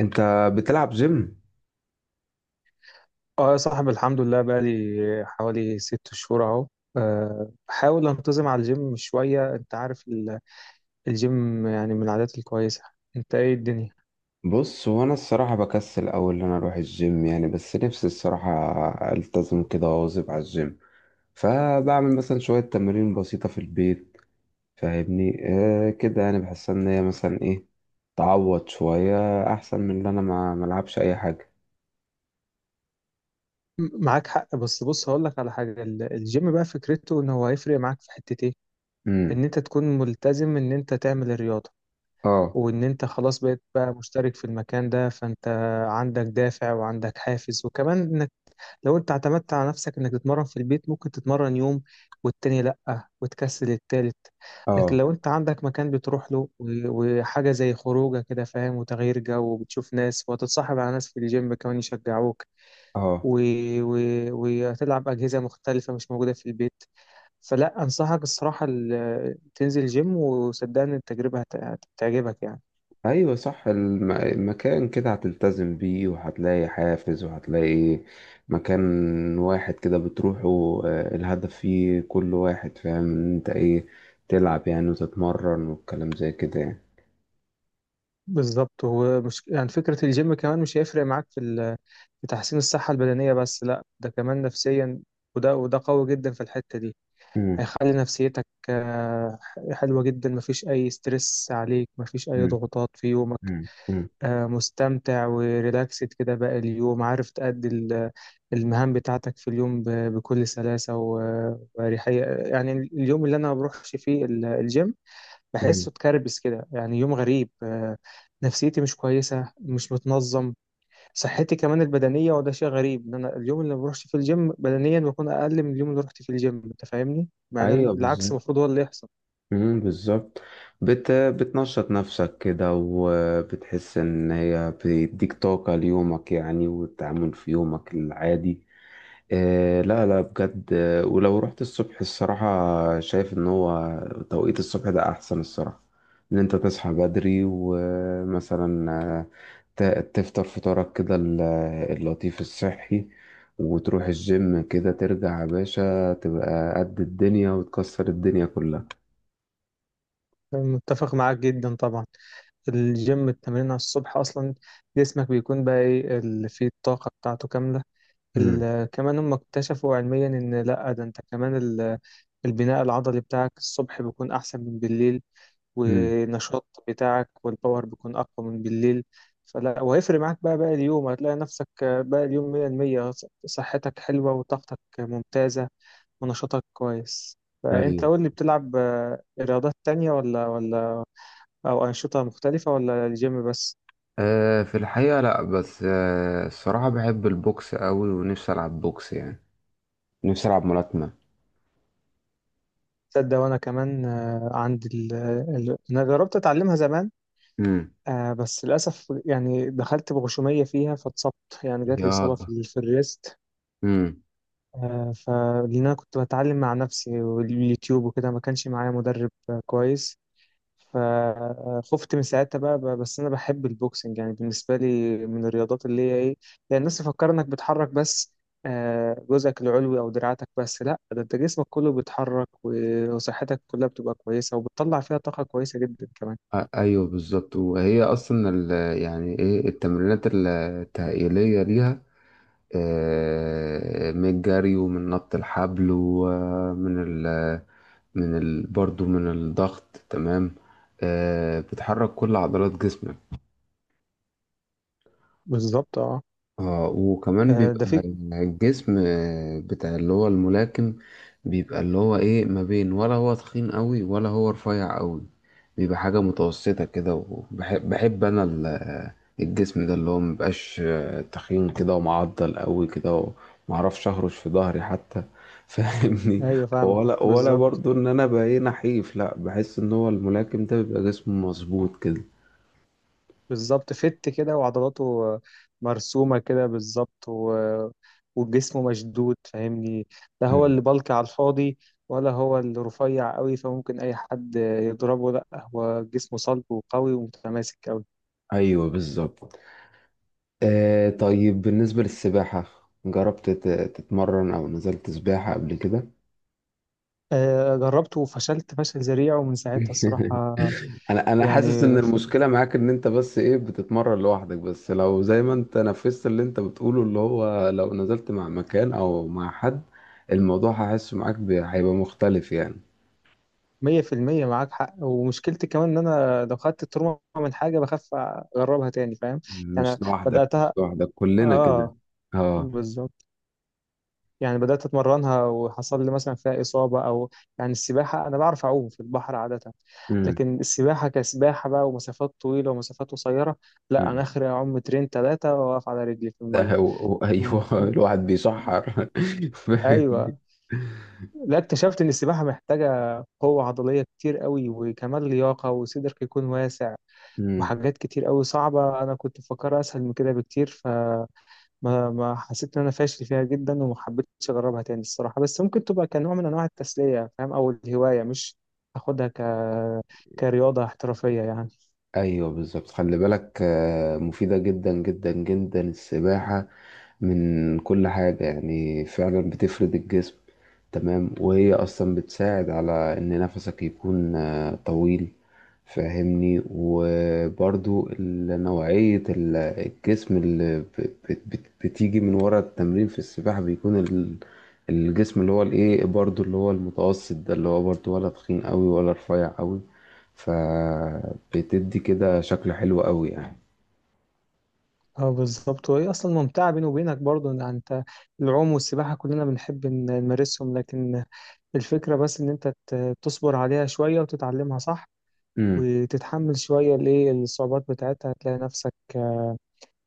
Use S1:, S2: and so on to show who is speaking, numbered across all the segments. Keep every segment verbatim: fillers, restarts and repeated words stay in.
S1: انت بتلعب جيم؟
S2: اه يا صاحبي، الحمد لله بقالي حوالي ست شهور اهو. آه، بحاول انتظم على الجيم شوية. انت عارف ال- الجيم يعني من العادات الكويسة. انت ايه الدنيا؟
S1: بص، هو انا الصراحه بكسل اول ان انا اروح الجيم يعني، بس نفسي الصراحه التزم كده واواظب على الجيم. فبعمل مثلا شويه تمارين بسيطه في البيت، فاهمني؟ آه كده، يعني بحس ان هي مثلا ايه، تعوض شويه، احسن من ان انا ما ملعبش اي حاجه.
S2: م- معاك حق، بس بص هقول لك على حاجة. ال- الجيم بقى فكرته ان هو هيفرق معاك في حتة ايه؟
S1: امم.
S2: ان انت تكون ملتزم ان انت تعمل الرياضة،
S1: اه
S2: وان انت خلاص بقيت بقى مشترك في المكان ده، فانت عندك دافع وعندك حافز. وكمان لو انت اعتمدت على نفسك انك تتمرن في البيت، ممكن تتمرن يوم والتاني لأ وتكسل التالت. لكن
S1: اه
S2: لو انت عندك مكان بتروح له و- وحاجة زي خروجه كده، فاهم، وتغيير جو وبتشوف ناس، وهتتصاحب على ناس في الجيم كمان يشجعوك،
S1: اه.
S2: و... و... وهتلعب أجهزة مختلفة مش موجودة في البيت. فلا أنصحك الصراحة ال- تنزل جيم، وصدقني التجربة هت... هتعجبك يعني.
S1: ايوه صح، الم- المكان كده هتلتزم بيه، وهتلاقي حافز، وهتلاقي مكان واحد كده بتروحه، آه، الهدف فيه، كل واحد فاهم ان انت ايه، تلعب يعني وتتمرن والكلام زي كده يعني.
S2: بالظبط، هو مش يعني فكرة الجيم كمان مش هيفرق معاك في ال... في تحسين الصحة البدنية بس، لا ده كمان نفسيا. وده وده قوي جدا في الحتة دي.
S1: مم،
S2: هيخلي نفسيتك آه، حلوة جدا، مفيش أي ستريس عليك، مفيش أي
S1: مم،
S2: ضغوطات في يومك.
S1: مم، مم،
S2: آه، مستمتع وريلاكسد كده باقي اليوم، عارف تأدي ال- المهام بتاعتك في اليوم ب- بكل سلاسة و- وأريحية. يعني اليوم اللي أنا ما بروحش فيه ال- الجيم
S1: مم.
S2: بحسه اتكربس كده، يعني يوم غريب. آه، نفسيتي مش كويسة، مش متنظم، صحتي كمان البدنية. وده شيء غريب ان انا اليوم اللي ما بروحش فيه الجيم بدنيا بكون اقل من اليوم اللي رحت فيه الجيم، انت فاهمني، مع ان
S1: ايوه
S2: العكس
S1: بالظبط.
S2: المفروض هو اللي يحصل.
S1: مم، بالظبط. بت بتنشط نفسك كده، وبتحس ان هي بتديك طاقة ليومك يعني، والتعامل في يومك العادي. إيه لا لا بجد، آه، ولو رحت الصبح الصراحة، شايف ان هو توقيت الصبح ده احسن الصراحة. ان انت تصحى بدري، ومثلا آه، ت- تفطر فطارك كده، ال- اللطيف الصحي، وتروح الجيم، كده ترجع يا باشا تبقى قد الدنيا وتكسر الدنيا كلها.
S2: متفق معاك جدا طبعا. الجيم التمرين على الصبح اصلا جسمك بيكون بقى ايه اللي فيه الطاقة بتاعته كاملة.
S1: امم.
S2: ال- كمان هم اكتشفوا علميا ان لا ده انت كمان ال- البناء العضلي بتاعك الصبح بيكون احسن من بالليل،
S1: امم.
S2: ونشاط بتاعك والباور بيكون أقوى من بالليل. فلا، وهيفرق معاك بقى باقي اليوم، هتلاقي نفسك باقي اليوم مية في المية، صحتك حلوة وطاقتك ممتازة ونشاطك كويس. فأنت
S1: ايوه.
S2: قول لي، بتلعب آه، رياضات تانية ولا ولا أو أنشطة مختلفة ولا الجيم بس؟
S1: آه، في الحقيقة لا، بس آه الصراحة بحب البوكس قوي، ونفسي العب بوكس يعني، نفسي العب ملاكمة.
S2: تصدق وأنا كمان، آه، عندي ال... ال... أنا جربت أتعلمها زمان.
S1: امم.
S2: آه، بس للأسف يعني دخلت بغشومية فيها فاتصبت. يعني جات لي إصابة
S1: يلا.
S2: في في الريست.
S1: امم.
S2: آه، فلأن أنا كنت بتعلم مع نفسي واليوتيوب وكده، ما كانش معايا مدرب آه، كويس. فخفت من ساعتها بقى بقى- بس أنا بحب البوكسنج. يعني بالنسبة لي من الرياضات اللي هي إيه، يعني الناس تفكر إنك بتحرك بس آه، جزءك العلوي أو دراعاتك بس. لأ، ده أنت جسمك كله بيتحرك و- وصحتك كلها بتبقى كويسة، وبتطلع فيها طاقة كويسة جدا كمان.
S1: أ- ايوه بالظبط، وهي اصلا ال- يعني ايه، التمرينات ال- التهيئليه ليها، آه، من الجري، ومن نط الحبل، ومن ال من ال برضو من الضغط، تمام. آه، بتحرك كل عضلات جسمك.
S2: بالظبط، اه.
S1: اه، وكمان
S2: آه، ده
S1: بيبقى
S2: فيك.
S1: الجسم، آه، بتاع اللي هو الملاكم، بيبقى اللي هو ايه، ما بين، ولا هو تخين قوي، ولا هو رفيع قوي، بيبقى حاجة متوسطة كده. وبحب بحب انا ال- آه، الجسم ده، اللي هو مبقاش تخين كده ومعضل قوي كده، ومعرفش اهرش في ظهري حتى فاهمني.
S2: أيوه فاهمك
S1: ولا ولا
S2: بالظبط.
S1: برضو ان انا بقى ايه، نحيف، لا بحس ان هو الملاكم ده بيبقى جسمه مظبوط كده.
S2: بالظبط، فت كده وعضلاته مرسومة كده بالظبط، و... وجسمه مشدود فاهمني. لا هو
S1: مم.
S2: اللي بلك على الفاضي، ولا هو اللي رفيع قوي فممكن أي حد يضربه. لا، هو جسمه صلب وقوي ومتماسك قوي.
S1: ايوه بالظبط. آه طيب، بالنسبة للسباحة، جربت تت- تتمرن أو نزلت سباحة قبل كده؟
S2: آه، جربته وفشلت فشل ذريع، ومن ساعتها الصراحة،
S1: أنا أنا حاسس
S2: يعني
S1: إن
S2: ف-
S1: المشكلة معاك إن أنت بس إيه، بتتمرن لوحدك، بس لو زي ما أنت نفذت اللي أنت بتقوله، اللي هو لو نزلت مع مكان أو مع حد، الموضوع هحس معاك ب- هيبقى مختلف يعني.
S2: مية في المية معاك حق. ومشكلتي كمان إن أنا لو خدت التروما من حاجة بخاف أجربها تاني، فاهم يعني.
S1: مش لوحدك مش
S2: بدأتها،
S1: لوحدك كلنا كده.
S2: آه،
S1: أه.
S2: بالظبط، يعني بدأت أتمرنها وحصل لي مثلا فيها إصابة. أو يعني السباحة، أنا بعرف أعوم في البحر عادة،
S1: أمم،
S2: لكن السباحة كسباحة بقى، ومسافات طويلة ومسافات قصيرة، لا،
S1: أمم.
S2: أنا آخري أعوم مترين تلاتة وأقف على رجلي في
S1: ده
S2: المية.
S1: هو هو-
S2: ياه،
S1: أيوه الواحد بيشحر
S2: أيوة. لا، اكتشفت إن السباحة محتاجة قوة عضلية كتير قوي، وكمان لياقة، وصدرك يكون واسع،
S1: امم.
S2: وحاجات كتير قوي صعبة. أنا كنت مفكرها أسهل من كده بكتير، ف ما ما حسيت ان انا فاشل فيها جدا وما حبيتش اجربها تاني الصراحه. بس ممكن تبقى كنوع من انواع التسليه فاهم، او الهوايه، مش اخدها ك كرياضه احترافيه يعني.
S1: ايوه بالظبط، خلي بالك آه، مفيدة جدا جدا جدا السباحة، من كل حاجة يعني، فعلا بتفرد الجسم، تمام. وهي أصلا بتساعد على إن نفسك يكون آه، طويل، فاهمني. وبرضو ال- نوعية ال- الجسم اللي ب- بت- بت- بتيجي من ورا التمرين في السباحة، بيكون ال- الجسم اللي هو الإيه برضو، اللي هو المتوسط ده، اللي هو برضو، ولا تخين قوي ولا رفيع قوي، فبتدي كده شكل حلو قوي يعني.
S2: اه بالظبط، وهي اصلا ممتعه. بيني وبينك برضو ان انت العوم والسباحه كلنا بنحب إن- نمارسهم، لكن الفكره بس ان انت ت- تصبر عليها شويه وتتعلمها صح،
S1: مم.
S2: وتتحمل شويه الايه الصعوبات بتاعتها، هتلاقي نفسك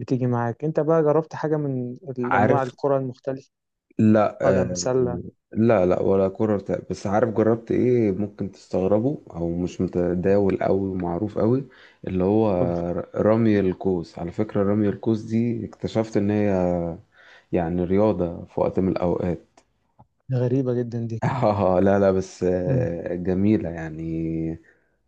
S2: بتيجي معاك. انت بقى جربت حاجه من الانواع
S1: عارف.
S2: الكره المختلفه؟
S1: لا
S2: قدم
S1: آه،
S2: سله؟
S1: لا لا ولا كرة ارتقاء، بس عارف جربت ايه، ممكن تستغربوا او مش متداول قوي ومعروف قوي، اللي هو
S2: قول.
S1: رمي القوس. على فكرة رمي القوس دي، اكتشفت ان هي يعني رياضة في وقت من الاوقات.
S2: غريبة جدا دي.
S1: اه لا لا، بس
S2: مم.
S1: آه، جميلة يعني.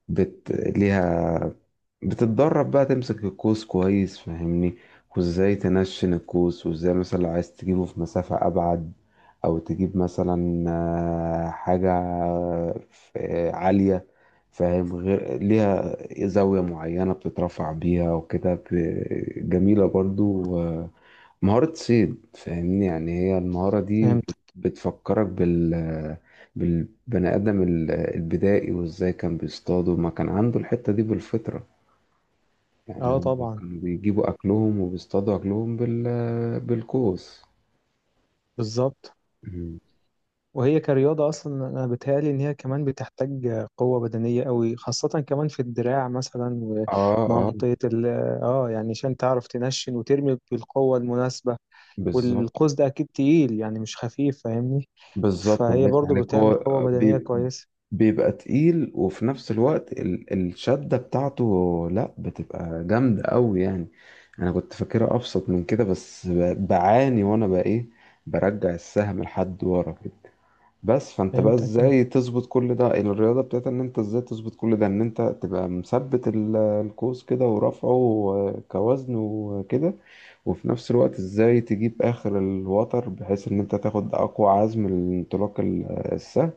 S1: بت... ليها، بتتدرب بقى تمسك القوس كويس فاهمني، وازاي تنشن القوس، وازاي مثلا لو عايز تجيبه في مسافة أبعد، أو تجيب مثلا آه، حاجة، ف- عالية، فاهم، غير ليها زاوية معينة بتترفع بيها، وكده، ب- جميلة برضو، آه، مهارة صيد، فاهمني يعني. هي المهارة دي
S2: فهمت.
S1: بت- بتفكرك بال بالبني آدم ال- البدائي، وإزاي كان بيصطادوا، ما كان عنده الحتة دي بالفطرة يعني،
S2: اه
S1: هم
S2: طبعا.
S1: كانوا بيجيبوا أكلهم وبيصطادوا أكلهم بال... بالقوس.
S2: بالظبط.
S1: مم.
S2: وهي كرياضة أصلا أنا بتهيألي إن هي كمان بتحتاج قوة بدنية قوي، خاصة كمان في الدراع مثلا،
S1: آه آه.
S2: ومنطقة ال اه، يعني عشان تعرف تنشن وترمي بالقوة المناسبة.
S1: بالظبط.
S2: والقوس ده أكيد تقيل يعني مش خفيف فاهمني.
S1: بالظبط
S2: فهي
S1: الله يفتح
S2: برضو
S1: عليك.
S2: بتعمل
S1: هو
S2: قوة بدنية
S1: بيب-
S2: كويسة.
S1: بيبقى تقيل، وفي نفس الوقت ال... الشدة بتاعته لا بتبقى جامدة أوي يعني. أنا كنت فاكرها أبسط من كده، بس ب... بعاني وأنا بقى إيه، برجع السهم لحد ورا كده، بس فانت بقى
S2: فهمتك آه.
S1: ازاي تظبط كل ده، الرياضة بتاعت ان انت ازاي تظبط كل ده، ان انت تبقى مثبت ال- القوس كده، ورفعه كوزن وكده، وفي نفس الوقت ازاي تجيب اخر الوتر بحيث ان انت تاخد اقوى عزم الانطلاق، ال- السهل،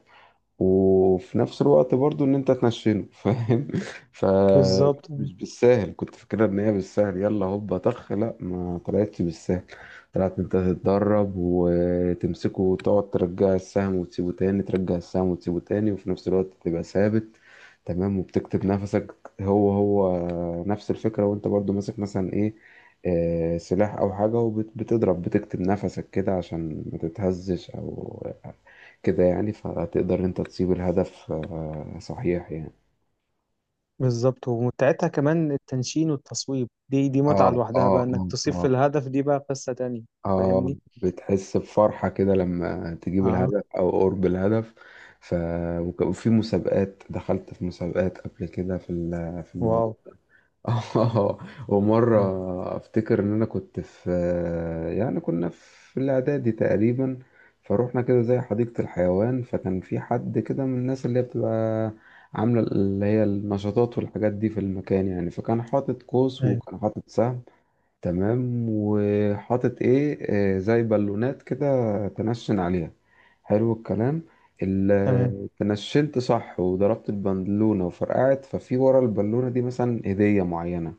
S1: وفي نفس الوقت برضو ان انت تنشنه، فاهم،
S2: بالظبط.
S1: فمش بالساهل. كنت فاكرها ان هي بالسهل، يلا هوبا طخ، لا ما طلعتش بالسهل، طلعت انت تتدرب وتمسكه وتقعد ترجع السهم وتسيبه تاني، ترجع السهم وتسيبه تاني، وفي نفس الوقت تبقى ثابت، تمام، وبتكتب نفسك. هو هو نفس الفكرة، وانت برضو ماسك مثلا ايه، آه، سلاح او حاجة، وبتضرب، بتكتب نفسك كده عشان ما تتهزش او كده يعني، فتقدر انت تصيب الهدف آه، صحيح يعني.
S2: بالظبط، ومتعتها كمان التنشين والتصويب، دي دي
S1: اه
S2: متعة لوحدها،
S1: اه
S2: بقى إنك
S1: اه
S2: تصيب في
S1: اه
S2: الهدف دي بقى قصة تانية.
S1: اه،
S2: فاهمني،
S1: بتحس بفرحة كده لما تجيب
S2: اه.
S1: الهدف او قرب الهدف. ف وك- وفي مسابقات، دخلت في مسابقات قبل كده، في ال- في
S2: واو.
S1: الموضوع. اه.
S2: مم.
S1: ومرة افتكر ان انا كنت في، يعني كنا في الاعدادي تقريبا، فروحنا كده زي حديقة الحيوان، فكان في حد كده من الناس اللي هي بتبقى عاملة اللي هي النشاطات والحاجات دي في المكان يعني، فكان حاطط قوس،
S2: ايوه.
S1: وكان حاطط سهم، تمام، وحاطط ايه، آه، زي بالونات كده تنشن عليها. حلو الكلام،
S2: تمام.
S1: ال- تنشنت صح وضربت البالونة وفرقعت، ففي ورا البالونة دي مثلا هدية معينة،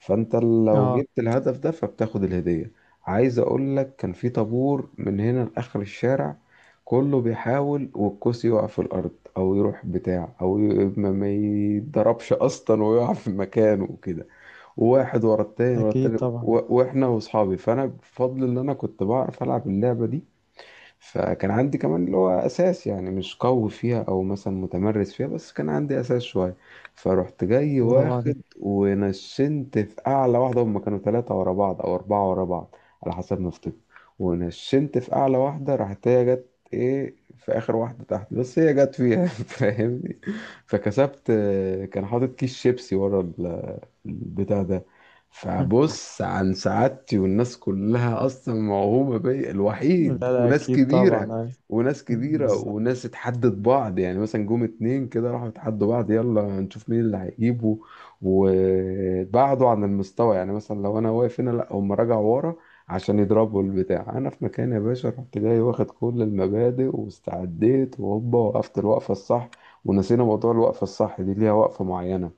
S1: فانت لو
S2: اه.
S1: جبت الهدف ده فبتاخد الهدية. عايز اقول لك كان في طابور من هنا لاخر الشارع، كله بيحاول، والكوس يقع في الارض او يروح بتاع، او ي- ما ما يتضربش اصلا، ويقع في مكانه وكده، واحد ورا التاني ورا
S2: اكيد
S1: التاني،
S2: طبعا.
S1: و- واحنا واصحابي، فانا بفضل ان انا كنت بعرف العب اللعبة دي، فكان عندي كمان اللي هو اساس يعني، مش قوي فيها او مثلا متمرس فيها، بس كان عندي اساس شويه. فرحت جاي
S2: برافو عليك.
S1: واخد، ونشنت في اعلى واحده، هم كانوا ثلاثه ورا بعض او اربعه ورا بعض على حسب ما افتكر، ونشنت في اعلى واحده، راحت هي جت ايه، في اخر واحده تحت، بس هي جت فيها فاهمني، فكسبت. كان حاطط كيس شيبسي ورا ال- البتاع ده. فبص عن سعادتي، والناس كلها اصلا موهومه بيا،
S2: لا
S1: الوحيد،
S2: لا،
S1: وناس
S2: اكيد طبعا،
S1: كبيره،
S2: أيوة.
S1: وناس كبيره
S2: بالظبط.
S1: وناس اتحدت بعض يعني، مثلا جم اتنين كده راحوا اتحدوا بعض، يلا نشوف مين اللي هيجيبه، وبعدوا عن المستوى، يعني مثلا لو انا واقف هنا لا، هم رجعوا ورا عشان يضربوا البتاع، انا في مكان يا باشا رحت جاي واخد كل المبادئ واستعديت وهوبا، وقفت الوقفه الصح. ونسينا موضوع الوقفه الصح دي ليها وقفه معينه،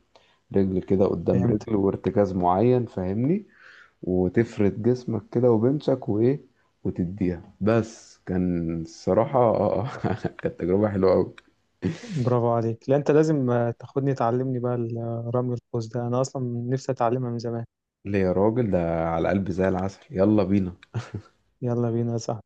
S1: رجل كده قدام
S2: فهمت.
S1: رجل، وارتكاز معين فاهمني، وتفرد جسمك كده، وبنشك، وايه، وتديها، بس كان الصراحة كانت تجربة حلوة أوي.
S2: برافو عليك. لا انت لازم آه، تاخدني تعلمني بقى ال- آه، رمي القوس ده، انا اصلا نفسي اتعلمها من زمان.
S1: ليه يا راجل، ده على قلبي زي العسل، يلا بينا.
S2: يلا بينا صح.